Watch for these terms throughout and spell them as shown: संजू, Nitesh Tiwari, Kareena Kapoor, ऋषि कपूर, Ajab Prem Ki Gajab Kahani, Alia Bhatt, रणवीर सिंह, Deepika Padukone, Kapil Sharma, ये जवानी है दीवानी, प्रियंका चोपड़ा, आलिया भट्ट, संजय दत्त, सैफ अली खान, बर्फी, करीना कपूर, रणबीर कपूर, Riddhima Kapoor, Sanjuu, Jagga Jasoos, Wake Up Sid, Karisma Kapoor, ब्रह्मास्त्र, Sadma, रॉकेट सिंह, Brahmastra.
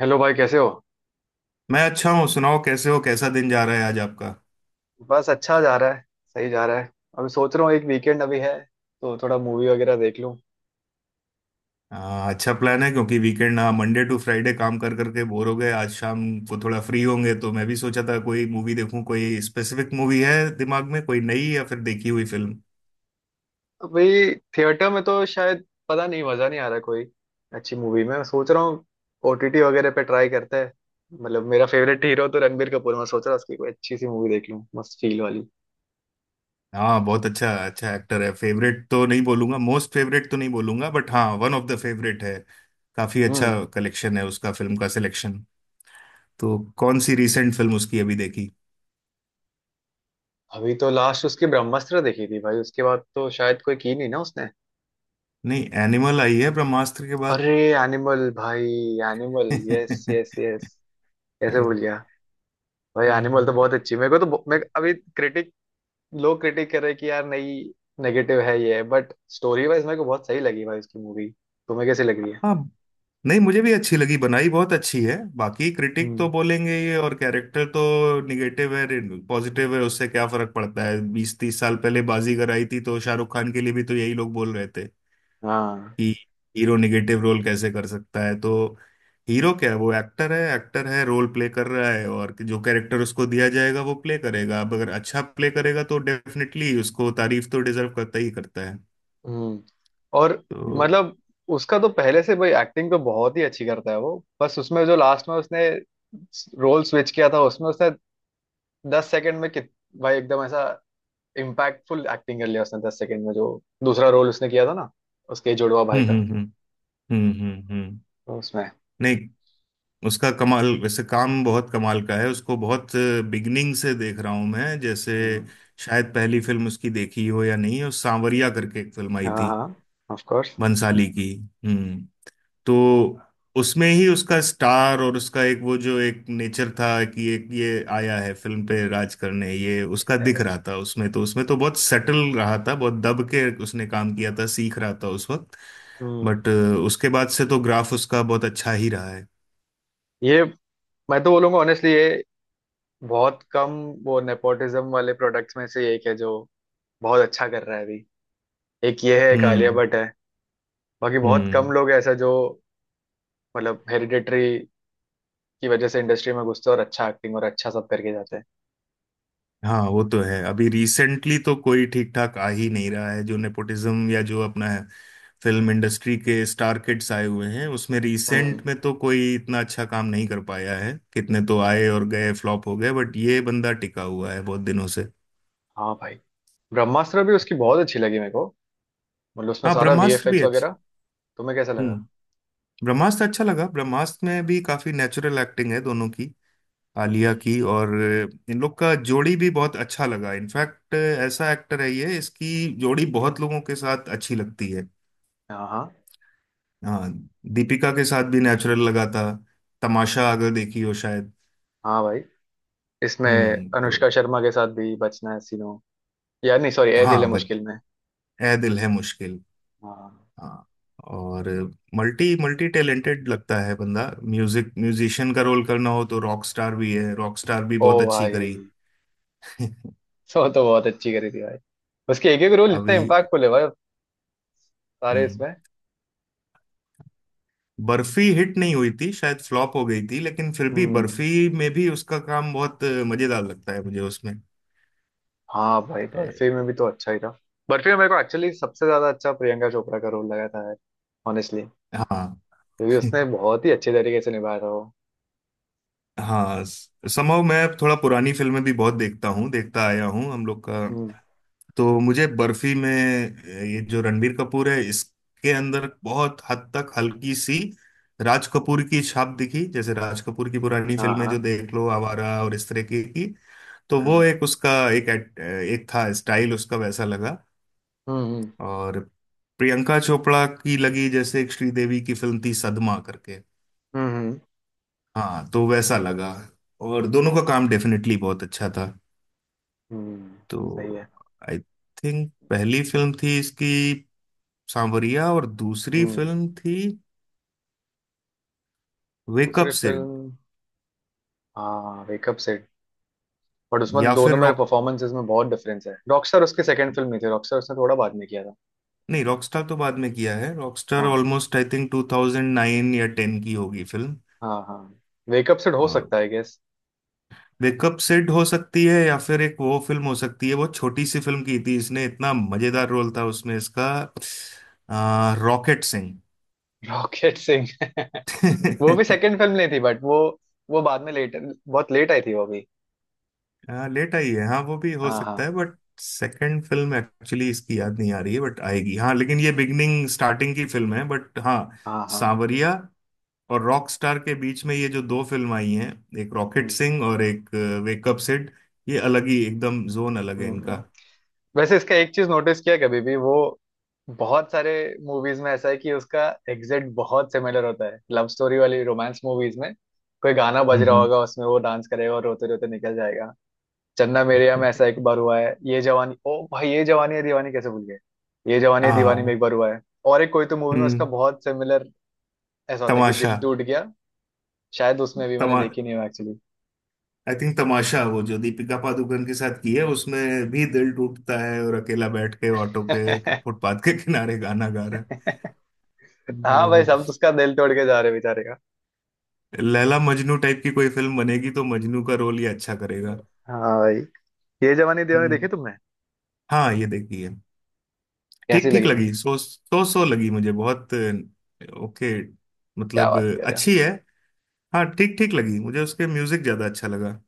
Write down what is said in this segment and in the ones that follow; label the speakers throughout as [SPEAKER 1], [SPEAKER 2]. [SPEAKER 1] Hello भाई कैसे हो।
[SPEAKER 2] मैं अच्छा हूँ। सुनाओ, कैसे हो? कैसा दिन जा रहा है आज आपका?
[SPEAKER 1] बस अच्छा जा रहा है। सही जा रहा है। अभी सोच रहा हूँ एक वीकेंड अभी है तो थोड़ा मूवी वगैरह देख लूँ।
[SPEAKER 2] अच्छा प्लान है क्योंकि वीकेंड ना, मंडे टू फ्राइडे काम कर करके बोर हो गए। आज शाम को थोड़ा फ्री होंगे तो मैं भी सोचा था कोई मूवी देखूं। कोई स्पेसिफिक मूवी है दिमाग में, कोई नई या फिर देखी हुई फिल्म?
[SPEAKER 1] अभी थिएटर में तो शायद पता नहीं, मज़ा नहीं आ रहा कोई अच्छी मूवी में, मैं सोच रहा हूँ ओटीटी वगैरह पे ट्राई करते हैं। मतलब मेरा फेवरेट हीरो तो रणबीर कपूर, मैं सोच रहा हूँ उसकी कोई अच्छी सी मूवी देख लूँ मस्त फील वाली।
[SPEAKER 2] हाँ, बहुत अच्छा अच्छा एक्टर है। फेवरेट तो नहीं बोलूंगा, मोस्ट फेवरेट तो नहीं बोलूंगा, बट हाँ वन ऑफ द फेवरेट है। काफी अच्छा
[SPEAKER 1] हम्म।
[SPEAKER 2] कलेक्शन है उसका, फिल्म का सिलेक्शन। तो कौन सी रिसेंट फिल्म उसकी अभी देखी?
[SPEAKER 1] अभी तो लास्ट उसकी ब्रह्मास्त्र देखी थी भाई, उसके बाद तो शायद कोई की नहीं ना उसने।
[SPEAKER 2] नहीं, एनिमल आई है ब्रह्मास्त्र के बाद।
[SPEAKER 1] अरे। एनिमल भाई। Animal, yes yes yes. कैसे भूल गया। भाई एनिमल तो बहुत अच्छी मेरे को तो मैं अभी क्रिटिक, लोग क्रिटिक कर रहे हैं कि यार नहीं, नेगेटिव है ये, बट स्टोरी वाइज मेरे को बहुत सही लगी भाई उसकी मूवी। तुम्हें कैसी लग रही है।
[SPEAKER 2] हाँ। नहीं, मुझे भी अच्छी लगी। बनाई बहुत अच्छी है। बाकी क्रिटिक तो
[SPEAKER 1] हम्म।
[SPEAKER 2] बोलेंगे ये। और कैरेक्टर तो निगेटिव है पॉजिटिव है, उससे क्या फर्क पड़ता है। 20 30 साल पहले बाजीगर आई थी तो शाहरुख खान के लिए भी तो यही लोग बोल रहे थे
[SPEAKER 1] हाँ।
[SPEAKER 2] कि हीरो निगेटिव रोल कैसे कर सकता है। तो हीरो क्या है, वो एक्टर है। एक्टर है, रोल प्ले कर रहा है, और जो कैरेक्टर उसको दिया जाएगा वो प्ले करेगा। अब अगर अच्छा प्ले करेगा तो डेफिनेटली उसको तारीफ तो डिजर्व करता ही करता है।
[SPEAKER 1] हम्म। और।
[SPEAKER 2] तो
[SPEAKER 1] मतलब। उसका तो पहले से भाई एक्टिंग तो बहुत ही अच्छी करता है वो, बस उसमें जो लास्ट में उसने रोल स्विच किया था, उसमें उसने 10 सेकंड में कित भाई एकदम ऐसा इम्पैक्टफुल एक्टिंग कर लिया उसने 10 सेकंड में। जो दूसरा रोल उसने किया था ना उसके जुड़वा भाई का,
[SPEAKER 2] हम्म। हम्म।
[SPEAKER 1] तो उसमें।
[SPEAKER 2] नहीं, उसका कमाल, वैसे काम बहुत कमाल का है उसको। बहुत बिगनिंग से देख रहा हूं मैं। जैसे
[SPEAKER 1] हम्म।
[SPEAKER 2] शायद पहली फिल्म उसकी देखी हो या नहीं, उस सांवरिया करके एक फिल्म आई
[SPEAKER 1] हाँ
[SPEAKER 2] थी
[SPEAKER 1] हाँ। Of course.
[SPEAKER 2] भंसाली की। हम्म। तो उसमें ही उसका स्टार और उसका एक वो जो एक नेचर था कि एक ये आया है फिल्म पे राज करने, ये उसका दिख
[SPEAKER 1] Yes.
[SPEAKER 2] रहा था उसमें तो बहुत सटल रहा था, बहुत दब के उसने काम किया था, सीख रहा था उस वक्त।
[SPEAKER 1] हम्म।
[SPEAKER 2] बट उसके बाद से तो ग्राफ उसका बहुत अच्छा ही रहा है।
[SPEAKER 1] ये मैं तो बोलूंगा ऑनेस्टली, ये बहुत कम वो नेपोटिज्म वाले प्रोडक्ट्स में से एक है जो बहुत अच्छा कर रहा है अभी। एक ये है एक आलिया
[SPEAKER 2] हम्म
[SPEAKER 1] भट्ट है। बाकी बहुत कम
[SPEAKER 2] हम्म।
[SPEAKER 1] लोग ऐसा जो मतलब हेरिडिटरी की वजह से इंडस्ट्री में घुसते हैं और अच्छा एक्टिंग और अच्छा सब करके जाते हैं।
[SPEAKER 2] हाँ, वो तो है। अभी रिसेंटली तो कोई ठीक ठाक आ ही नहीं रहा है जो नेपोटिज्म, या जो अपना है फिल्म इंडस्ट्री के स्टार किड्स आए हुए हैं, उसमें
[SPEAKER 1] हम्म।
[SPEAKER 2] रिसेंट में तो कोई इतना अच्छा काम नहीं कर पाया है। कितने तो आए और गए, फ्लॉप हो गए, बट ये बंदा टिका हुआ है बहुत दिनों से।
[SPEAKER 1] हाँ भाई। ब्रह्मास्त्र भी उसकी बहुत अच्छी लगी मेरे को, मतलब उसमें
[SPEAKER 2] हाँ,
[SPEAKER 1] सारा
[SPEAKER 2] ब्रह्मास्त्र भी
[SPEAKER 1] वीएफएक्स
[SPEAKER 2] अच्छी।
[SPEAKER 1] वगैरह। तुम्हें कैसा लगा।
[SPEAKER 2] हम्म। ब्रह्मास्त्र अच्छा लगा। ब्रह्मास्त्र में भी काफी नेचुरल एक्टिंग है दोनों की, आलिया
[SPEAKER 1] हम्म।
[SPEAKER 2] की और। इन लोग का जोड़ी भी बहुत अच्छा लगा। इनफैक्ट ऐसा एक्टर है ये, इसकी जोड़ी बहुत लोगों के साथ अच्छी लगती है।
[SPEAKER 1] हाँ हाँ।
[SPEAKER 2] हाँ। दीपिका के साथ भी नेचुरल लगा था, तमाशा अगर देखी हो शायद।
[SPEAKER 1] हाँ भाई इसमें
[SPEAKER 2] हम्म। तो
[SPEAKER 1] अनुष्का शर्मा के साथ भी बचना है सीनो, यार नहीं सॉरी ए दिल है
[SPEAKER 2] हाँ, बच
[SPEAKER 1] मुश्किल में।
[SPEAKER 2] ए दिल है मुश्किल।
[SPEAKER 1] हाँ।
[SPEAKER 2] हाँ। और मल्टी मल्टी टैलेंटेड लगता है बंदा। म्यूजिक म्यूजिशियन का रोल करना हो तो रॉक स्टार भी है। रॉक स्टार भी
[SPEAKER 1] ओ
[SPEAKER 2] बहुत अच्छी
[SPEAKER 1] भाई
[SPEAKER 2] करी।
[SPEAKER 1] सो तो बहुत अच्छी करी थी भाई। उसके एक एक रोल इतना
[SPEAKER 2] अभी
[SPEAKER 1] इम्पैक्टफुल है भाई, सारे
[SPEAKER 2] हम्म।
[SPEAKER 1] इसमें।
[SPEAKER 2] बर्फी हिट नहीं हुई थी, शायद फ्लॉप हो गई थी, लेकिन फिर भी
[SPEAKER 1] हम्म।
[SPEAKER 2] बर्फी में भी उसका काम बहुत मजेदार लगता है, मुझे उसमें।
[SPEAKER 1] हाँ भाई
[SPEAKER 2] ए,
[SPEAKER 1] बर्फी में भी तो अच्छा ही था। बर्फी में मेरे को एक्चुअली सबसे ज्यादा अच्छा प्रियंका चोपड़ा का रोल लगा था यार, ऑनेस्टली।
[SPEAKER 2] हाँ।
[SPEAKER 1] क्योंकि उसने बहुत ही अच्छे तरीके से निभाया था वो।
[SPEAKER 2] हाँ समहाउ मैं थोड़ा पुरानी फिल्में भी बहुत देखता हूँ, देखता आया हूँ हम लोग का।
[SPEAKER 1] हम्म।
[SPEAKER 2] तो मुझे बर्फी में ये जो रणबीर कपूर है, इसके अंदर बहुत हद तक हल्की सी राज कपूर की छाप दिखी। जैसे राज कपूर की पुरानी
[SPEAKER 1] हाँ
[SPEAKER 2] फिल्में जो
[SPEAKER 1] हाँ
[SPEAKER 2] देख लो, आवारा और इस तरह की तो वो
[SPEAKER 1] हाँ।
[SPEAKER 2] एक उसका, एक एक था स्टाइल उसका, वैसा लगा।
[SPEAKER 1] हम्म हम्म
[SPEAKER 2] और प्रियंका चोपड़ा की लगी जैसे, एक श्रीदेवी की फिल्म थी सदमा करके,
[SPEAKER 1] हम्म।
[SPEAKER 2] हाँ तो वैसा लगा। और दोनों का काम डेफिनेटली बहुत अच्छा था।
[SPEAKER 1] हम्म। सही
[SPEAKER 2] तो
[SPEAKER 1] है।
[SPEAKER 2] आई थिंक पहली फिल्म थी इसकी सांवरिया, और दूसरी
[SPEAKER 1] हम्म।
[SPEAKER 2] फिल्म थी वेकअप
[SPEAKER 1] दूसरी
[SPEAKER 2] सिड।
[SPEAKER 1] फिल्म, हाँ वेकअप सेट। बट उसमें
[SPEAKER 2] या फिर
[SPEAKER 1] दोनों मेरे
[SPEAKER 2] रॉक
[SPEAKER 1] परफॉर्मेंसेस में बहुत डिफरेंस है, रॉकस्टार उसकी सेकंड फिल्म नहीं थी, रॉकस्टार उसने थोड़ा बाद में किया था।
[SPEAKER 2] नहीं रॉकस्टार तो बाद में किया है। रॉकस्टार
[SPEAKER 1] हाँ
[SPEAKER 2] ऑलमोस्ट आई थिंक 2009 या 10 की होगी फिल्म।
[SPEAKER 1] हाँ। हाँ। वेकअप सिड हो
[SPEAKER 2] और
[SPEAKER 1] सकता है गेस।
[SPEAKER 2] वेकअप सिड हो सकती है, या फिर एक वो फिल्म हो सकती है, बहुत छोटी सी फिल्म की थी इसने, इतना मजेदार रोल था उसमें इसका, रॉकेट
[SPEAKER 1] रॉकेट सिंह वो भी
[SPEAKER 2] सिंह।
[SPEAKER 1] सेकंड फिल्म नहीं थी, बट वो बाद में लेट, बहुत लेट आई थी वो भी।
[SPEAKER 2] हाँ लेट आई है। हाँ वो भी हो
[SPEAKER 1] हाँ
[SPEAKER 2] सकता है।
[SPEAKER 1] हाँ
[SPEAKER 2] बट सेकंड फिल्म एक्चुअली इसकी याद नहीं आ रही है, बट आएगी। हाँ लेकिन ये बिगनिंग स्टार्टिंग की फिल्म है, बट हाँ।
[SPEAKER 1] हाँ हाँ।
[SPEAKER 2] सांवरिया और रॉक स्टार के बीच में ये जो दो फिल्म आई हैं, एक रॉकेट
[SPEAKER 1] हम्म।
[SPEAKER 2] सिंह और एक वेकअप सिड, ये अलग ही एकदम, जोन अलग है
[SPEAKER 1] हम्म।
[SPEAKER 2] इनका।
[SPEAKER 1] वैसे इसका एक चीज नोटिस किया कभी भी, वो बहुत सारे मूवीज में ऐसा है कि उसका एग्जैक्ट बहुत सिमिलर होता है, लव स्टोरी वाली रोमांस मूवीज में कोई गाना बज रहा
[SPEAKER 2] हम्म।
[SPEAKER 1] होगा, उसमें वो डांस करेगा और रोते रोते निकल जाएगा। चन्ना मेरेया में ऐसा एक बार हुआ है, ये जवानी ओ भाई ये जवानी है दीवानी कैसे भूल गए। ये जवानी है दीवानी में
[SPEAKER 2] हाँ।
[SPEAKER 1] एक बार हुआ है। और एक कोई तो मूवी में उसका
[SPEAKER 2] हम्म।
[SPEAKER 1] बहुत सिमिलर ऐसा होता है कि
[SPEAKER 2] तमाशा।
[SPEAKER 1] दिल टूट गया, शायद उसमें भी मैंने
[SPEAKER 2] तमा
[SPEAKER 1] देखी नहीं एक्चुअली।
[SPEAKER 2] आई थिंक तमाशा, वो जो दीपिका पादुकोण के साथ की है, उसमें भी दिल टूटता है और अकेला बैठ के ऑटो के, फुटपाथ के किनारे गाना गा रहा
[SPEAKER 1] हाँ भाई सब तो
[SPEAKER 2] है।
[SPEAKER 1] उसका दिल तोड़ के जा रहे बेचारे का।
[SPEAKER 2] लैला मजनू टाइप की कोई फिल्म बनेगी तो मजनू का रोल ये अच्छा करेगा।
[SPEAKER 1] हाँ भाई, ये जवानी दीवानी देखी
[SPEAKER 2] हम्म।
[SPEAKER 1] तुमने।
[SPEAKER 2] हाँ ये देखी है। ठीक
[SPEAKER 1] कैसी
[SPEAKER 2] ठीक
[SPEAKER 1] लगी
[SPEAKER 2] लगी,
[SPEAKER 1] तुम्हें।
[SPEAKER 2] सो सो लगी मुझे, बहुत ओके।
[SPEAKER 1] क्या
[SPEAKER 2] मतलब
[SPEAKER 1] बात कर रहे हो।
[SPEAKER 2] अच्छी है। हाँ ठीक ठीक लगी मुझे, उसके म्यूजिक ज्यादा अच्छा लगा।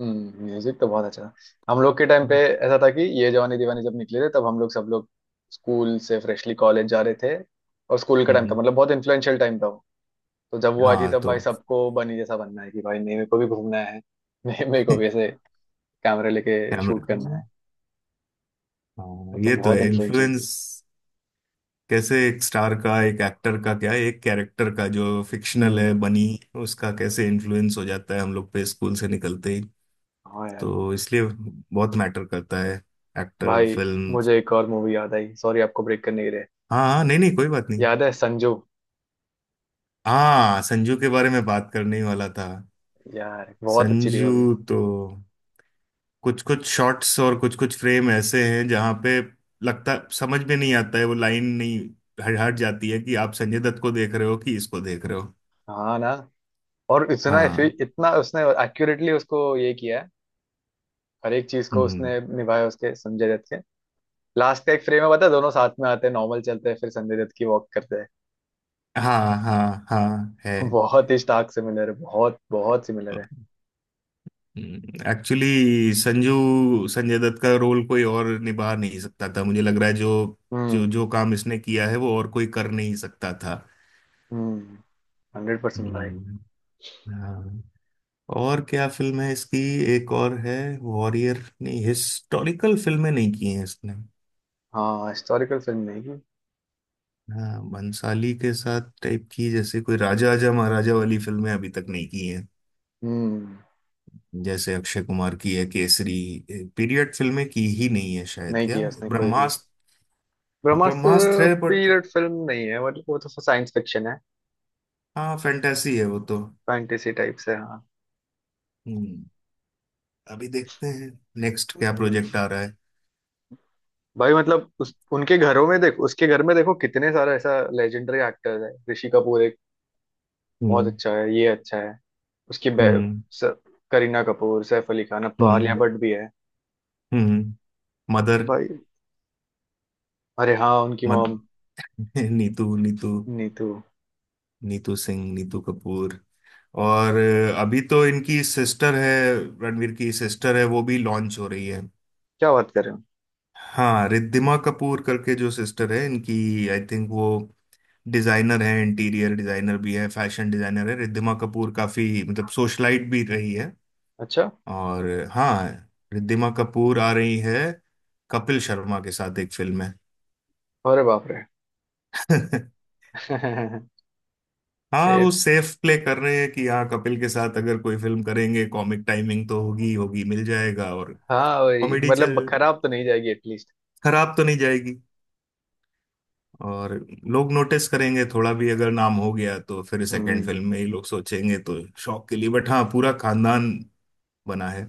[SPEAKER 1] म्यूजिक तो बहुत अच्छा था। हम लोग के टाइम पे
[SPEAKER 2] हम्म।
[SPEAKER 1] ऐसा था कि ये जवानी दीवानी जब निकले थे, तब हम लोग सब लोग स्कूल से फ्रेशली कॉलेज जा रहे थे। और स्कूल का टाइम था,
[SPEAKER 2] हम्म,
[SPEAKER 1] मतलब बहुत इन्फ्लुएंशियल टाइम था। तो जब वो आई थी
[SPEAKER 2] हाँ।
[SPEAKER 1] तब भाई
[SPEAKER 2] तो
[SPEAKER 1] सबको बनी जैसा बनना है कि भाई नहीं मेरे को भी घूमना है। मेरे को भी ऐसे कैमरे लेके
[SPEAKER 2] कैमरा।
[SPEAKER 1] शूट करना है। वो
[SPEAKER 2] हाँ,
[SPEAKER 1] तो
[SPEAKER 2] ये तो
[SPEAKER 1] बहुत
[SPEAKER 2] है
[SPEAKER 1] इन्फ्लुएंशियल
[SPEAKER 2] इन्फ्लुएंस।
[SPEAKER 1] थी।
[SPEAKER 2] कैसे एक स्टार का, एक एक्टर का, क्या एक कैरेक्टर का जो फिक्शनल
[SPEAKER 1] हम्म।
[SPEAKER 2] है बनी, उसका कैसे इन्फ्लुएंस हो जाता है हम लोग पे स्कूल से निकलते ही।
[SPEAKER 1] हाँ यार।
[SPEAKER 2] तो इसलिए बहुत मैटर करता है एक्टर,
[SPEAKER 1] भाई
[SPEAKER 2] फिल्म।
[SPEAKER 1] मुझे एक और मूवी याद आई, सॉरी आपको ब्रेक करने के लिए।
[SPEAKER 2] हाँ हाँ, नहीं नहीं कोई बात नहीं।
[SPEAKER 1] याद है संजू।
[SPEAKER 2] हाँ, संजू के बारे में बात करने ही वाला था।
[SPEAKER 1] यार बहुत अच्छी थी वो भी।
[SPEAKER 2] संजू तो, कुछ कुछ शॉट्स और कुछ कुछ फ्रेम ऐसे हैं जहाँ पे लगता, समझ में नहीं आता है, वो लाइन नहीं हट हट जाती है कि आप संजय दत्त को देख रहे हो कि इसको देख रहे हो।
[SPEAKER 1] हाँ ना, और इतना
[SPEAKER 2] हाँ।
[SPEAKER 1] इतना उसने एक्यूरेटली उसको ये किया है। हर एक चीज को
[SPEAKER 2] हम्म।
[SPEAKER 1] उसने निभाया उसके संजय दत्त के। लास्ट का एक फ्रेम है, पता है दोनों साथ में आते हैं नॉर्मल चलते हैं फिर संजय दत्त की वॉक करते हैं।
[SPEAKER 2] हाँ हाँ हाँ है।
[SPEAKER 1] बहुत ही स्टार्क सिमिलर है, बहुत बहुत सिमिलर है।
[SPEAKER 2] एक्चुअली संजू, संजय दत्त का रोल कोई और निभा नहीं सकता था, मुझे लग रहा है। जो जो
[SPEAKER 1] हम्म
[SPEAKER 2] जो काम इसने किया है वो और कोई कर नहीं सकता था।
[SPEAKER 1] हम्म 100% भाई।
[SPEAKER 2] हम्म, हाँ। और क्या फिल्म है इसकी, एक और है। वॉरियर, नहीं, हिस्टोरिकल फिल्में नहीं की हैं इसने।
[SPEAKER 1] हाँ हिस्टोरिकल फिल्म नहीं की।
[SPEAKER 2] हाँ भंसाली के साथ टाइप की, जैसे कोई राजा आजा महाराजा वाली फिल्में अभी तक नहीं की हैं।
[SPEAKER 1] हम्म।
[SPEAKER 2] जैसे अक्षय कुमार की है केसरी, पीरियड फिल्में की ही नहीं है शायद,
[SPEAKER 1] नहीं
[SPEAKER 2] क्या?
[SPEAKER 1] किया उसने कोई भी।
[SPEAKER 2] ब्रह्मास्त्र। ब्रह्मास्त्र
[SPEAKER 1] ब्रह्मास्त्र।
[SPEAKER 2] है बट।
[SPEAKER 1] पीरियड फिल्म नहीं है, मतलब वो तो साइंस फिक्शन है।
[SPEAKER 2] हाँ फैंटेसी है वो तो।
[SPEAKER 1] फैंटेसी टाइप से हाँ।
[SPEAKER 2] हम्म। अभी देखते हैं नेक्स्ट क्या प्रोजेक्ट
[SPEAKER 1] हम्म।
[SPEAKER 2] आ रहा है।
[SPEAKER 1] भाई मतलब उस उनके घरों में देख, उसके घर में देखो कितने सारे ऐसा लेजेंडरी एक्टर्स है, ऋषि कपूर एक, बहुत
[SPEAKER 2] हम्म
[SPEAKER 1] अच्छा है ये अच्छा है। उसकी बे
[SPEAKER 2] हम्म
[SPEAKER 1] स- करीना कपूर, सैफ अली खान, अब तो आलिया
[SPEAKER 2] हम्म
[SPEAKER 1] भट्ट भी है।
[SPEAKER 2] हम्म।
[SPEAKER 1] तो
[SPEAKER 2] मदर।
[SPEAKER 1] भाई। अरे हाँ उनकी
[SPEAKER 2] मद
[SPEAKER 1] मॉम।
[SPEAKER 2] नीतू नीतू।
[SPEAKER 1] नीतू।
[SPEAKER 2] नीतू सिंह, नीतू कपूर। और अभी तो इनकी सिस्टर है, रणवीर की सिस्टर है, वो भी लॉन्च हो रही है।
[SPEAKER 1] क्या बात कर रहे हो।
[SPEAKER 2] हाँ रिद्धिमा कपूर करके जो सिस्टर है इनकी, आई थिंक वो डिजाइनर है, इंटीरियर डिजाइनर भी है, फैशन डिजाइनर है। रिद्धिमा कपूर काफी, मतलब सोशलाइट भी रही है।
[SPEAKER 1] अच्छा।
[SPEAKER 2] और हाँ, रिद्धिमा कपूर आ रही है कपिल शर्मा के साथ एक फिल्म है।
[SPEAKER 1] अरे बाप रे
[SPEAKER 2] हाँ वो
[SPEAKER 1] ए,
[SPEAKER 2] सेफ प्ले कर रहे हैं कि हाँ, कपिल के साथ अगर कोई फिल्म करेंगे, कॉमिक टाइमिंग तो होगी होगी, मिल जाएगा। और
[SPEAKER 1] हाँ भाई
[SPEAKER 2] कॉमेडी
[SPEAKER 1] मतलब
[SPEAKER 2] चल,
[SPEAKER 1] खराब तो नहीं जाएगी एटलीस्ट।
[SPEAKER 2] खराब तो नहीं जाएगी। और लोग नोटिस करेंगे थोड़ा भी, अगर नाम हो गया तो फिर सेकंड
[SPEAKER 1] हम्म।
[SPEAKER 2] फिल्म में ही लोग सोचेंगे। तो शौक के लिए, बट हाँ पूरा खानदान बना है।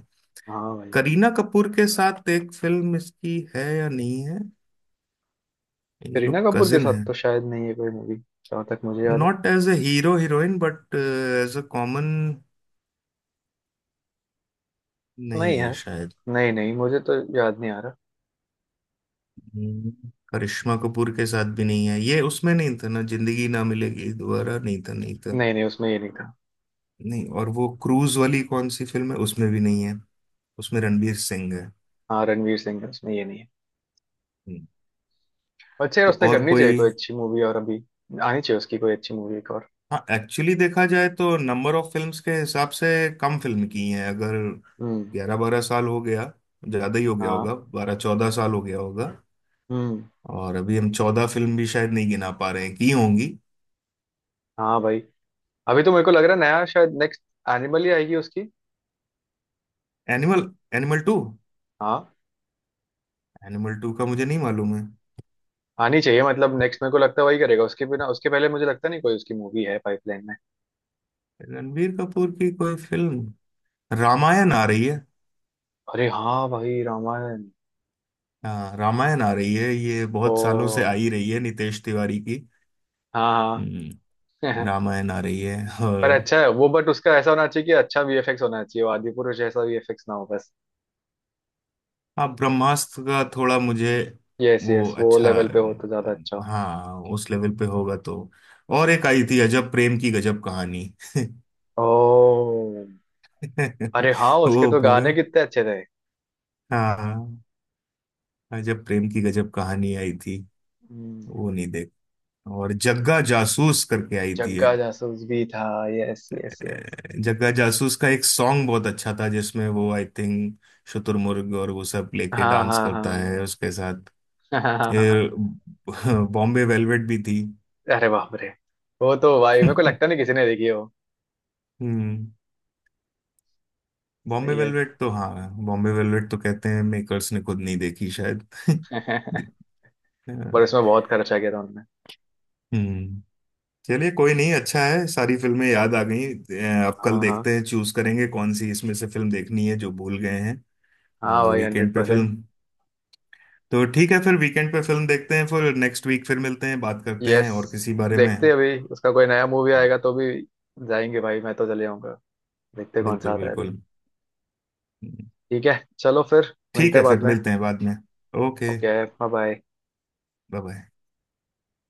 [SPEAKER 1] हाँ भाई।
[SPEAKER 2] करीना कपूर के साथ एक फिल्म इसकी है या नहीं है, ये
[SPEAKER 1] करीना
[SPEAKER 2] लोग
[SPEAKER 1] कपूर के
[SPEAKER 2] कजिन,
[SPEAKER 1] साथ तो शायद नहीं है कोई मूवी, जहाँ तक मुझे याद है।
[SPEAKER 2] Not as a hero heroine but as a common.
[SPEAKER 1] नहीं
[SPEAKER 2] नहीं है
[SPEAKER 1] यार।
[SPEAKER 2] शायद।
[SPEAKER 1] नहीं नहीं मुझे तो याद नहीं आ रहा।
[SPEAKER 2] हम्म, करिश्मा कपूर के साथ भी नहीं है ये। उसमें नहीं था ना जिंदगी ना मिलेगी दोबारा? नहीं था नहीं था।
[SPEAKER 1] नहीं नहीं उसमें ये नहीं था।
[SPEAKER 2] नहीं, और वो क्रूज वाली कौन सी फिल्म है उसमें भी नहीं है, उसमें रणबीर सिंह है।
[SPEAKER 1] हाँ रणवीर सिंह है, उसमें ये नहीं है।
[SPEAKER 2] हम्म,
[SPEAKER 1] अच्छा यार
[SPEAKER 2] तो
[SPEAKER 1] उसने
[SPEAKER 2] और
[SPEAKER 1] करनी चाहिए
[SPEAKER 2] कोई।
[SPEAKER 1] कोई अच्छी मूवी, और अभी आनी चाहिए उसकी कोई अच्छी मूवी एक और।
[SPEAKER 2] हाँ एक्चुअल्ली देखा जाए तो नंबर ऑफ फिल्म्स के हिसाब से कम फिल्म की हैं अगर।
[SPEAKER 1] हम्म।
[SPEAKER 2] 11 12 साल हो गया, ज्यादा ही हो गया
[SPEAKER 1] हाँ।
[SPEAKER 2] होगा, 12 14 साल हो गया होगा।
[SPEAKER 1] हम्म।
[SPEAKER 2] और अभी हम 14 फिल्म भी शायद नहीं गिना पा रहे हैं की होंगी।
[SPEAKER 1] हाँ भाई, अभी तो मेरे को लग रहा है नया शायद नेक्स्ट एनिमल ही आएगी उसकी।
[SPEAKER 2] एनिमल। Animal two.
[SPEAKER 1] हाँ।
[SPEAKER 2] एनिमल टू का मुझे नहीं मालूम है।
[SPEAKER 1] आनी चाहिए, मतलब नेक्स्ट मेरे को लगता है वही करेगा, उसके बिना उसके पहले मुझे लगता नहीं कोई उसकी मूवी है पाइपलाइन।
[SPEAKER 2] रणबीर कपूर की कोई फिल्म, रामायण आ रही है।
[SPEAKER 1] अरे हाँ भाई रामायण।
[SPEAKER 2] हाँ रामायण आ रही है, ये बहुत सालों से आ
[SPEAKER 1] ओ।
[SPEAKER 2] ही रही है, नितेश तिवारी की।
[SPEAKER 1] हाँ।
[SPEAKER 2] हम्म,
[SPEAKER 1] हाँ
[SPEAKER 2] रामायण आ रही है।
[SPEAKER 1] पर
[SPEAKER 2] और
[SPEAKER 1] अच्छा है वो, बट उसका ऐसा होना चाहिए कि अच्छा वीएफएक्स होना चाहिए, वो आदिपुरुष जैसा वीएफएक्स ना हो बस।
[SPEAKER 2] हाँ ब्रह्मास्त्र का थोड़ा मुझे,
[SPEAKER 1] यस
[SPEAKER 2] वो
[SPEAKER 1] यस, वो
[SPEAKER 2] अच्छा,
[SPEAKER 1] लेवल पे हो तो ज्यादा अच्छा हो।
[SPEAKER 2] हाँ उस लेवल पे होगा तो। और एक आई थी अजब प्रेम की गजब कहानी।
[SPEAKER 1] ओ। अरे हाँ उसके तो गाने
[SPEAKER 2] वो
[SPEAKER 1] कितने अच्छे थे।
[SPEAKER 2] हाँ, हाँ, जब प्रेम की गजब कहानी आई थी।
[SPEAKER 1] हम्म,
[SPEAKER 2] वो नहीं देख, और जग्गा जासूस करके आई थी
[SPEAKER 1] जग्गा
[SPEAKER 2] एक।
[SPEAKER 1] जासूस भी था। Yes yes yes.
[SPEAKER 2] जग्गा जासूस का एक सॉन्ग बहुत अच्छा था जिसमें वो आई थिंक शुतुरमुर्ग और वो सब लेके
[SPEAKER 1] हाँ
[SPEAKER 2] डांस
[SPEAKER 1] हाँ
[SPEAKER 2] करता है
[SPEAKER 1] हाँ
[SPEAKER 2] उसके साथ।
[SPEAKER 1] हाँ हाँ हाँ।
[SPEAKER 2] ए, बॉम्बे वेलवेट भी थी।
[SPEAKER 1] अरे बाप रे, वो तो भाई मेरे को लगता नहीं किसी ने देखी है वो।
[SPEAKER 2] हम्म। बॉम्बे
[SPEAKER 1] सही है
[SPEAKER 2] वेलवेट तो, हाँ बॉम्बे वेलवेट तो कहते हैं मेकर्स ने खुद नहीं देखी शायद। अ,
[SPEAKER 1] पर उसमें बहुत खर्चा किया था उन्होंने।
[SPEAKER 2] हम्म। चलिए कोई नहीं, अच्छा है सारी फिल्में याद आ गई। अब कल
[SPEAKER 1] हाँ हाँ।
[SPEAKER 2] देखते हैं, चूज करेंगे कौन सी इसमें से फिल्म देखनी है जो भूल गए हैं।
[SPEAKER 1] हाँ
[SPEAKER 2] और
[SPEAKER 1] भाई हंड्रेड
[SPEAKER 2] वीकेंड पे
[SPEAKER 1] परसेंट।
[SPEAKER 2] फिल्म, तो ठीक है फिर वीकेंड पे फिल्म देखते हैं। फिर नेक्स्ट वीक फिर मिलते हैं, बात करते हैं
[SPEAKER 1] यस,
[SPEAKER 2] और किसी बारे में।
[SPEAKER 1] देखते हैं अभी उसका कोई नया मूवी आएगा
[SPEAKER 2] हाँ
[SPEAKER 1] तो भी जाएंगे भाई, मैं तो चले आऊंगा। देखते हैं कौन सा
[SPEAKER 2] बिल्कुल
[SPEAKER 1] आता है
[SPEAKER 2] बिल्कुल।
[SPEAKER 1] अभी। ठीक है चलो फिर
[SPEAKER 2] ठीक
[SPEAKER 1] मिलते
[SPEAKER 2] है
[SPEAKER 1] हैं बाद
[SPEAKER 2] फिर
[SPEAKER 1] में।
[SPEAKER 2] मिलते हैं बाद में। Okay
[SPEAKER 1] okay bye bye.
[SPEAKER 2] Bye bye.